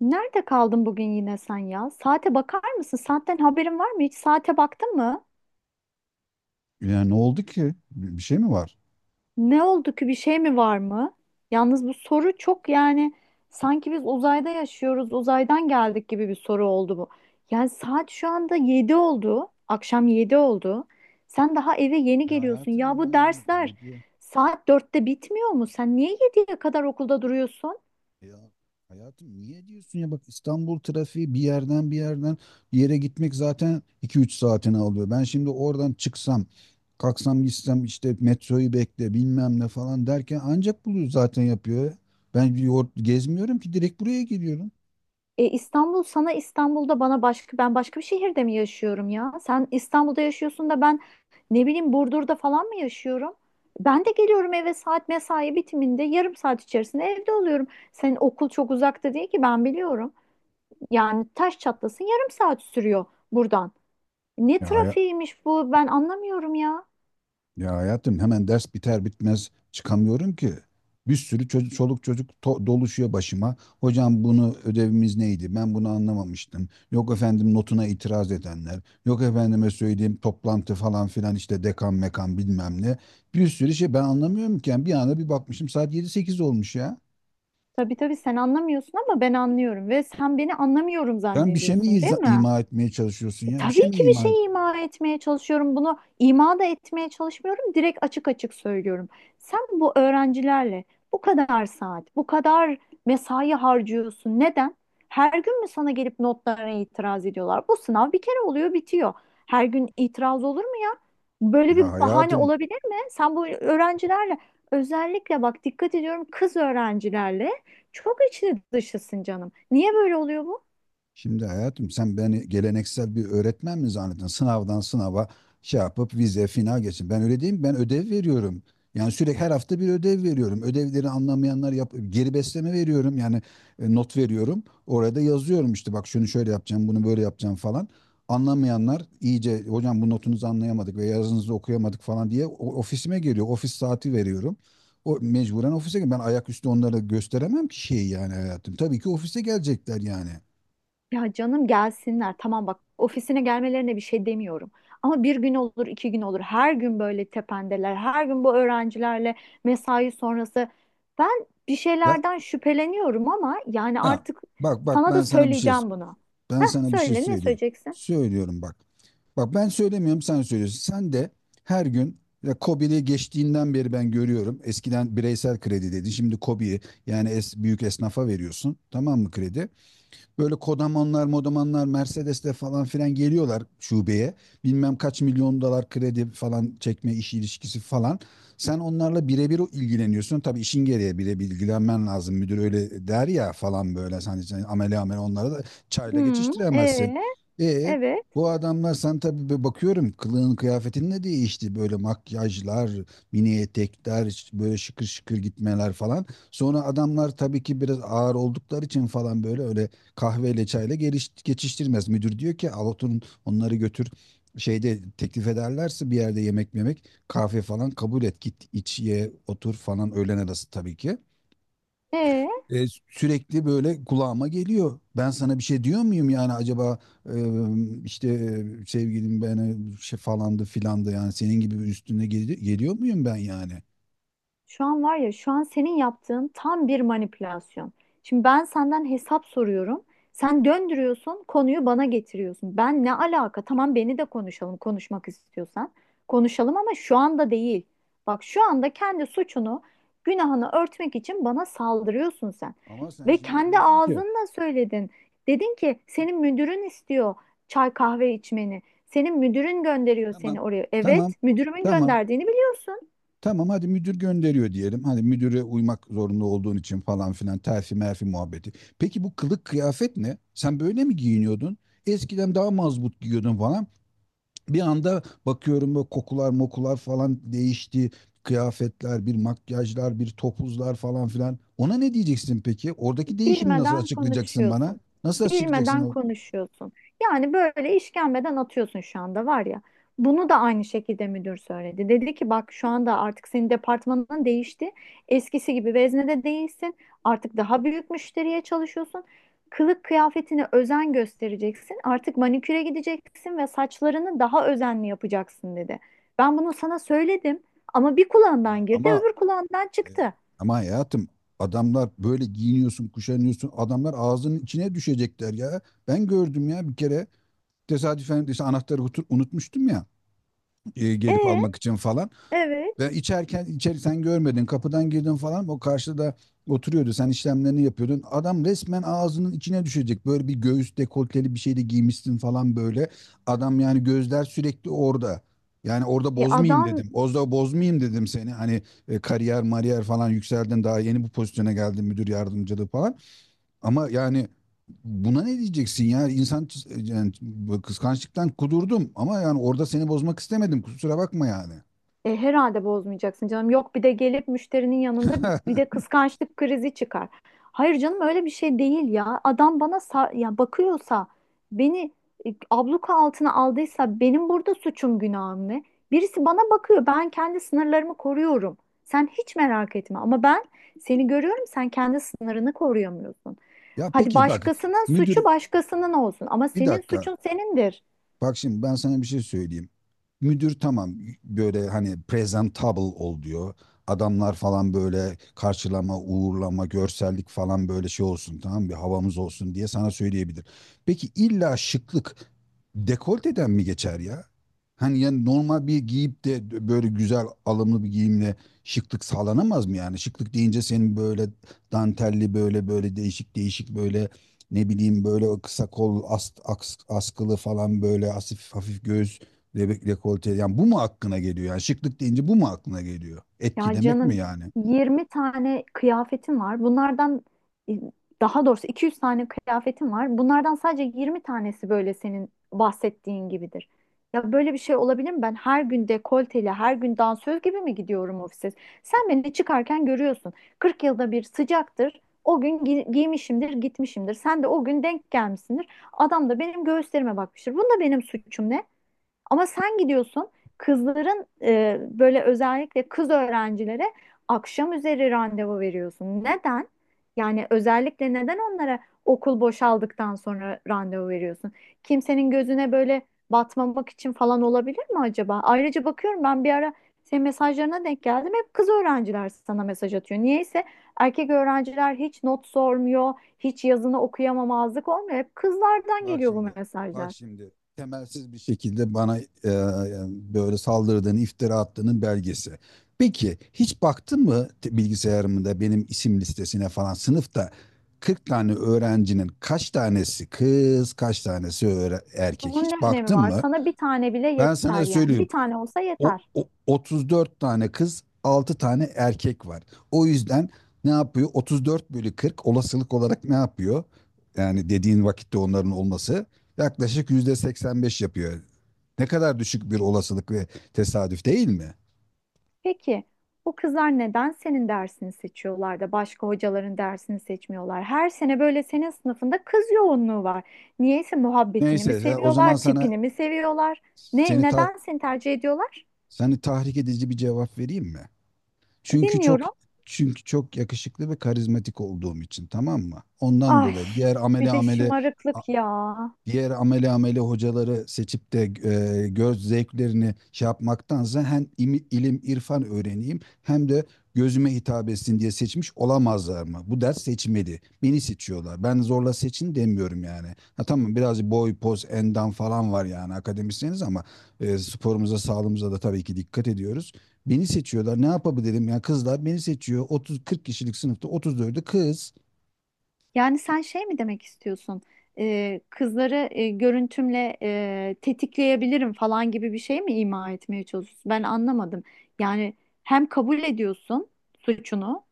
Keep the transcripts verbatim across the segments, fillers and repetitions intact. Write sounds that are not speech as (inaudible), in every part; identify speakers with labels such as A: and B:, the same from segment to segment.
A: Nerede kaldın bugün yine sen ya? Saate bakar mısın? Saatten haberin var mı? Hiç saate baktın mı?
B: Yani ne oldu ki? Bir şey mi var?
A: Ne oldu ki? Bir şey mi var mı? Yalnız bu soru çok yani sanki biz uzayda yaşıyoruz, uzaydan geldik gibi bir soru oldu bu. Yani saat şu anda yedi oldu. Akşam yedi oldu. Sen daha eve yeni
B: Ya
A: geliyorsun.
B: hayatım,
A: Ya
B: ama
A: bu
B: yani
A: dersler
B: ne diyor?
A: saat dörtte bitmiyor mu? Sen niye yediye kadar okulda duruyorsun?
B: Ya hayatım, niye diyorsun ya? Bak, İstanbul trafiği bir yerden bir yerden bir yere gitmek zaten iki üç saatini alıyor. Ben şimdi oradan çıksam kalksam gitsem işte metroyu bekle bilmem ne falan derken ancak bunu zaten yapıyor. Ben bir yol gezmiyorum ki, direkt buraya geliyorum.
A: E, İstanbul sana İstanbul'da bana başka ben başka bir şehirde mi yaşıyorum ya? Sen İstanbul'da yaşıyorsun da ben ne bileyim Burdur'da falan mı yaşıyorum? Ben de geliyorum eve saat mesai bitiminde yarım saat içerisinde evde oluyorum. Senin okul çok uzakta değil ki ben biliyorum. Yani taş çatlasın yarım saat sürüyor buradan. Ne
B: Ya
A: trafiğiymiş bu ben anlamıyorum ya.
B: Ya hayatım, hemen ders biter bitmez çıkamıyorum ki. Bir sürü çocuk, çoluk çocuk to- doluşuyor başıma. Hocam bunu ödevimiz neydi? Ben bunu anlamamıştım. Yok efendim notuna itiraz edenler. Yok efendime söyleyeyim, toplantı falan filan, işte dekan mekan bilmem ne. Bir sürü şey, ben anlamıyorum ki. Yani bir anda bir bakmışım saat yedi sekiz olmuş ya.
A: Tabii tabii sen anlamıyorsun ama ben anlıyorum ve sen beni anlamıyorum
B: Sen bir şey mi
A: zannediyorsun değil
B: iza-
A: mi?
B: ima etmeye çalışıyorsun
A: E,
B: ya? Bir şey
A: tabii
B: mi
A: ki bir
B: ima et?
A: şey ima etmeye çalışıyorum. Bunu ima da etmeye çalışmıyorum. Direkt açık açık söylüyorum. Sen bu öğrencilerle bu kadar saat, bu kadar mesai harcıyorsun. Neden? Her gün mü sana gelip notlarına itiraz ediyorlar? Bu sınav bir kere oluyor, bitiyor. Her gün itiraz olur mu ya? Böyle bir
B: Ya
A: bahane
B: hayatım.
A: olabilir mi? Sen bu öğrencilerle özellikle bak dikkat ediyorum kız öğrencilerle çok içli dışısın canım. Niye böyle oluyor bu?
B: Şimdi hayatım, sen beni geleneksel bir öğretmen mi zannettin? Sınavdan sınava şey yapıp vize final geçin. Ben öyle değil mi? Ben ödev veriyorum. Yani sürekli her hafta bir ödev veriyorum. Ödevleri anlamayanlar yap geri besleme veriyorum. Yani e, not veriyorum. Orada yazıyorum, işte bak, şunu şöyle yapacağım, bunu böyle yapacağım falan. Anlamayanlar iyice hocam bu notunuzu anlayamadık ve yazınızı okuyamadık falan diye o- ofisime geliyor. Ofis saati veriyorum. O mecburen ofise gel. Ben ayaküstü onlara gösteremem ki şeyi, yani hayatım. Tabii ki ofise gelecekler yani.
A: Ya canım gelsinler. Tamam bak ofisine gelmelerine bir şey demiyorum. Ama bir gün olur, iki gün olur. Her gün böyle tependeler. Her gün bu öğrencilerle mesai sonrası. Ben bir
B: Ya.
A: şeylerden şüpheleniyorum ama yani
B: Ha,
A: artık
B: bak bak,
A: sana
B: ben
A: da
B: sana bir şey
A: söyleyeceğim bunu.
B: ben
A: Heh,
B: sana bir şey
A: söyle ne
B: söyleyeyim.
A: söyleyeceksin?
B: Söylüyorum bak. Bak, ben söylemiyorum, sen söylüyorsun. Sen de her gün ya, KOBİ'li geçtiğinden beri ben görüyorum. Eskiden bireysel kredi dedi. Şimdi KOBİ'yi yani es, büyük esnafa veriyorsun. Tamam mı? Kredi? Böyle kodamanlar, modamanlar, Mercedes'le falan filan geliyorlar şubeye. Bilmem kaç milyon dolar kredi falan, çekme işi ilişkisi falan. Sen onlarla birebir ilgileniyorsun. Tabii işin gereği birebir ilgilenmen lazım. Müdür öyle der ya falan böyle. Sen, sen amele amele onlara da çayla
A: Hmm,
B: geçiştiremezsin.
A: ee,
B: E,
A: evet,
B: bu adamlar, sen tabii bir bakıyorum kılığın kıyafetin ne değişti, böyle makyajlar, mini etekler, ş- böyle şıkır şıkır gitmeler falan. Sonra adamlar tabii ki biraz ağır oldukları için falan, böyle öyle kahveyle çayla geliş, geçiştirmez. Müdür diyor ki al oturun onları, götür şeyde teklif ederlerse bir yerde yemek yemek kahve falan kabul et, git iç ye otur falan, öğlen arası tabii ki.
A: ee.
B: E, sürekli böyle kulağıma geliyor. Ben sana bir şey diyor muyum yani acaba, e, işte, e, sevgilim beni şey falandı filandı yani senin gibi bir üstüne gel- geliyor muyum ben yani?
A: Şu an var ya, şu an senin yaptığın tam bir manipülasyon. Şimdi ben senden hesap soruyorum. Sen döndürüyorsun, konuyu bana getiriyorsun. Ben ne alaka? Tamam beni de konuşalım, konuşmak istiyorsan. Konuşalım ama şu anda değil. Bak şu anda kendi suçunu, günahını örtmek için bana saldırıyorsun sen.
B: Ama sen
A: Ve
B: şimdi
A: kendi
B: diyorsun ki.
A: ağzınla söyledin. Dedin ki senin müdürün istiyor çay kahve içmeni. Senin müdürün gönderiyor seni
B: Tamam,
A: oraya.
B: tamam,
A: Evet, müdürümün
B: tamam.
A: gönderdiğini biliyorsun.
B: Tamam, hadi müdür gönderiyor diyelim. Hani müdüre uymak zorunda olduğun için falan filan, terfi merfi muhabbeti. Peki bu kılık kıyafet ne? Sen böyle mi giyiniyordun? Eskiden daha mazbut giyiyordun falan. Bir anda bakıyorum, böyle kokular mokular falan değişti. Kıyafetler, bir makyajlar, bir topuzlar falan filan. Ona ne diyeceksin peki? Oradaki değişimi nasıl
A: Bilmeden
B: açıklayacaksın bana?
A: konuşuyorsun.
B: Nasıl açıklayacaksın
A: Bilmeden
B: o?
A: konuşuyorsun. Yani böyle işkembeden atıyorsun şu anda var ya. Bunu da aynı şekilde müdür söyledi. Dedi ki bak şu anda artık senin departmanın değişti. Eskisi gibi veznede değilsin. Artık daha büyük müşteriye çalışıyorsun. Kılık kıyafetine özen göstereceksin. Artık maniküre gideceksin ve saçlarını daha özenli yapacaksın dedi. Ben bunu sana söyledim ama bir
B: Ya
A: kulağından girdi,
B: ama
A: öbür kulağından çıktı.
B: Ama hayatım, adamlar böyle giyiniyorsun, kuşanıyorsun. Adamlar ağzının içine düşecekler ya. Ben gördüm ya bir kere, tesadüfen, işte anahtarı utu- unutmuştum ya, e, gelip
A: E,
B: almak için falan.
A: evet.
B: Ve içerken, içeri sen görmedin, kapıdan girdin falan, o karşıda oturuyordu, sen işlemlerini yapıyordun. Adam resmen ağzının içine düşecek, böyle bir göğüs dekolteli bir şey de giymişsin falan böyle. Adam yani, gözler sürekli orada. Yani orada
A: E,
B: bozmayayım
A: adam
B: dedim. Orada bozmayayım dedim seni. Hani e, kariyer mariyer falan yükseldin, daha yeni bu pozisyona geldin, müdür yardımcılığı falan. Ama yani buna ne diyeceksin ya? İnsan yani, kıskançlıktan kudurdum ama yani orada seni bozmak istemedim. Kusura bakma yani.
A: E, herhalde bozmayacaksın canım. Yok bir de gelip müşterinin yanında bir de
B: (laughs)
A: kıskançlık krizi çıkar. Hayır canım öyle bir şey değil ya. Adam bana sa- ya bakıyorsa beni e, abluka altına aldıysa benim burada suçum günahım ne? Birisi bana bakıyor. Ben kendi sınırlarımı koruyorum. Sen hiç merak etme ama ben seni görüyorum sen kendi sınırını koruyamıyorsun.
B: Ya
A: Hadi
B: peki bak,
A: başkasının suçu
B: müdür,
A: başkasının olsun ama
B: bir
A: senin
B: dakika.
A: suçun senindir.
B: Bak şimdi, ben sana bir şey söyleyeyim. Müdür tamam, böyle hani presentable ol diyor. Adamlar falan böyle karşılama, uğurlama, görsellik falan, böyle şey olsun, tamam, bir havamız olsun diye sana söyleyebilir. Peki illa şıklık dekolteden mi geçer ya? Hani yani normal bir giyip de böyle güzel alımlı bir giyimle şıklık sağlanamaz mı yani? Şıklık deyince senin böyle dantelli, böyle böyle değişik değişik, böyle ne bileyim, böyle kısa kol as- aks- askılı falan, böyle asif hafif göğüs Re- Rekolte yani, bu mu aklına geliyor? Yani şıklık deyince bu mu aklına geliyor?
A: Ya
B: Etkilemek mi
A: canım
B: yani?
A: yirmi tane kıyafetim var. Bunlardan e, daha doğrusu iki yüz tane kıyafetim var. Bunlardan sadece yirmi tanesi böyle senin bahsettiğin gibidir. Ya böyle bir şey olabilir mi? Ben her gün dekolteli, her gün dansöz gibi mi gidiyorum ofise? Sen beni çıkarken görüyorsun. kırk yılda bir sıcaktır. O gün gi- giymişimdir, gitmişimdir. Sen de o gün denk gelmişsindir. Adam da benim göğüslerime bakmıştır. Bunda benim suçum ne? Ama sen gidiyorsun kızların e, böyle özellikle kız öğrencilere akşam üzeri randevu veriyorsun. Neden? Yani özellikle neden onlara okul boşaldıktan sonra randevu veriyorsun? Kimsenin gözüne böyle batmamak için falan olabilir mi acaba? Ayrıca bakıyorum ben bir ara senin mesajlarına denk geldim. Hep kız öğrenciler sana mesaj atıyor. Niyeyse erkek öğrenciler hiç not sormuyor, hiç yazını okuyamamazlık olmuyor. Hep kızlardan
B: Bak
A: geliyor bu
B: şimdi. Bak
A: mesajlar.
B: şimdi. Temelsiz bir şekilde bana e, yani böyle saldırdığını, iftira attığının belgesi. Peki hiç baktın mı te- bilgisayarımda benim isim listesine falan, sınıfta kırk tane öğrencinin kaç tanesi kız, kaç tanesi öğre- erkek?
A: Bunun ne
B: Hiç
A: önemi
B: baktın
A: var?
B: mı?
A: Sana bir tane bile
B: Ben
A: yeter
B: sana
A: yani.
B: söyleyeyim.
A: Bir tane olsa
B: O,
A: yeter.
B: o- otuz dört tane kız, altı tane erkek var. O yüzden ne yapıyor? otuz dört bölü kırk olasılık olarak ne yapıyor? Yani dediğin vakitte onların olması yaklaşık yüzde seksen beş yapıyor. Ne kadar düşük bir olasılık ve tesadüf değil mi?
A: Peki bu kızlar neden senin dersini seçiyorlar da başka hocaların dersini seçmiyorlar? Her sene böyle senin sınıfında kız yoğunluğu var. Niyeyse muhabbetini
B: Neyse
A: mi
B: ya, o zaman
A: seviyorlar,
B: sana
A: tipini mi seviyorlar? Ne,
B: seni ta-
A: neden seni tercih ediyorlar?
B: seni tahrik edici bir cevap vereyim mi? Çünkü çok
A: Dinliyorum.
B: Çünkü çok yakışıklı ve karizmatik olduğum için, tamam mı? Ondan
A: Ay
B: dolayı diğer
A: bir
B: amele
A: de
B: amele
A: şımarıklık ya.
B: diğer amele amele hocaları seçip de e, göz zevklerini şey yapmaktansa, hem imi- ilim irfan öğreneyim hem de gözüme hitap etsin diye seçmiş olamazlar mı? Bu ders seçmedi, beni seçiyorlar. Ben zorla seçin demiyorum yani. Ha tamam, birazcık boy, poz, endam falan var yani, akademisyeniz ama e, sporumuza, sağlığımıza da tabii ki dikkat ediyoruz. Beni seçiyorlar. Ne yapabilirim? Yani kızlar beni seçiyor. otuz ila kırk kişilik sınıfta otuz dördü kız.
A: Yani sen şey mi demek istiyorsun? Ee, kızları e, görüntümle e, tetikleyebilirim falan gibi bir şey mi ima etmeye çalışıyorsun? Ben anlamadım. Yani hem kabul ediyorsun suçunu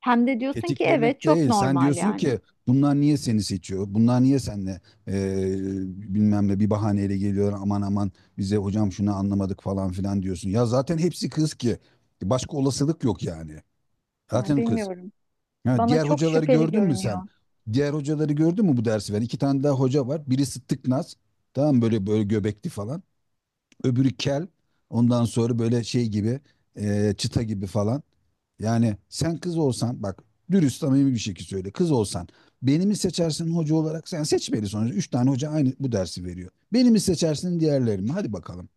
A: hem de diyorsun ki evet
B: Tetiklemek
A: çok
B: değil. Sen
A: normal
B: diyorsun
A: yani.
B: ki bunlar niye seni seçiyor? Bunlar niye senle eee bilmem ne bir bahaneyle geliyor, aman aman bize hocam şunu anlamadık falan filan diyorsun. Ya zaten hepsi kız ki. Başka olasılık yok yani.
A: Ha,
B: Zaten kız.
A: bilmiyorum.
B: Ha,
A: Bana
B: diğer
A: çok
B: hocaları
A: şüpheli
B: gördün mü
A: görünüyor.
B: sen? Diğer hocaları gördün mü bu dersi veren? İki tane daha hoca var. Birisi tıknaz. Tamam mı? Böyle böyle göbekli falan. Öbürü kel. Ondan sonra böyle şey gibi eee, çıta gibi falan. Yani sen kız olsan bak, dürüst samimi bir şekilde söyle. Kız olsan beni mi seçersin hoca olarak? Sen seçmeli sonuçta. Üç tane hoca aynı bu dersi veriyor. Beni mi seçersin, diğerleri mi? Hadi bakalım.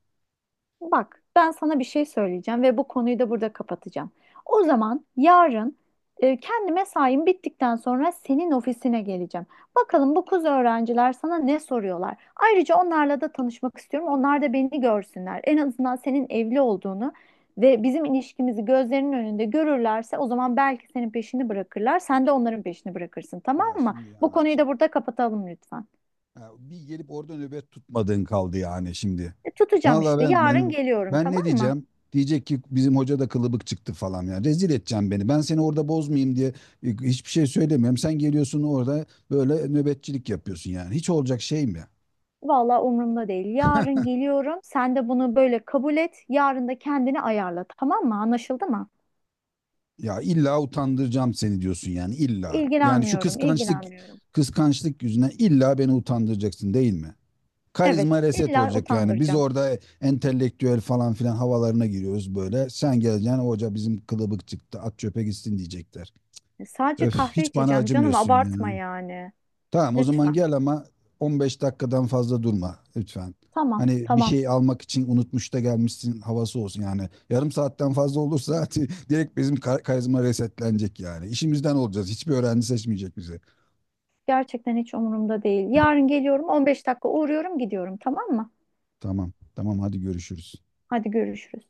A: Bak, ben sana bir şey söyleyeceğim ve bu konuyu da burada kapatacağım. O zaman yarın e, kendi mesaim bittikten sonra senin ofisine geleceğim. Bakalım bu kız öğrenciler sana ne soruyorlar. Ayrıca onlarla da tanışmak istiyorum. Onlar da beni görsünler. En azından senin evli olduğunu ve bizim ilişkimizi gözlerinin önünde görürlerse o zaman belki senin peşini bırakırlar. Sen de onların peşini bırakırsın, tamam
B: Ya
A: mı?
B: şimdi
A: Bu
B: yani
A: konuyu
B: hiç-
A: da burada kapatalım lütfen.
B: Ya, bir gelip orada nöbet tutmadığın kaldı yani şimdi.
A: E, tutacağım işte.
B: Vallahi ben
A: Yarın
B: benim
A: geliyorum,
B: ben ne
A: tamam mı?
B: diyeceğim? Diyecek ki bizim hoca da kılıbık çıktı falan ya. Rezil edeceğim beni. Ben seni orada bozmayayım diye e, hiçbir şey söylemiyorum. Sen geliyorsun orada böyle nöbetçilik yapıyorsun yani. Hiç olacak şey mi?
A: Vallahi umurumda değil. Yarın geliyorum. Sen de bunu böyle kabul et. Yarın da kendini ayarla. Tamam mı? Anlaşıldı mı?
B: Ya illa utandıracağım seni diyorsun yani, illa. Yani şu
A: İlgilenmiyorum,
B: kıskançlık
A: ilgilenmiyorum.
B: kıskançlık yüzüne illa beni utandıracaksın değil mi? Karizma
A: Evet,
B: reset
A: illa
B: olacak yani. Biz
A: utandıracağım.
B: orada entelektüel falan filan havalarına giriyoruz böyle. Sen geleceksin, hoca bizim kılıbık çıktı, at çöpe gitsin diyecekler.
A: E, Sadece
B: Öf,
A: kahve
B: hiç bana
A: içeceğim canım.
B: acımıyorsun ya.
A: Abartma yani.
B: Tamam, o zaman
A: Lütfen.
B: gel ama on beş dakikadan fazla durma lütfen.
A: Tamam,
B: Hani bir
A: tamam.
B: şey almak için unutmuş da gelmişsin havası olsun yani. Yarım saatten fazla olursa (laughs) direkt bizim kar- karizma resetlenecek yani. İşimizden olacağız. Hiçbir öğrenci seçmeyecek bizi.
A: Gerçekten hiç umurumda değil. Yarın geliyorum. on beş dakika uğruyorum, gidiyorum. Tamam mı?
B: Tamam. Tamam, hadi görüşürüz.
A: Hadi görüşürüz.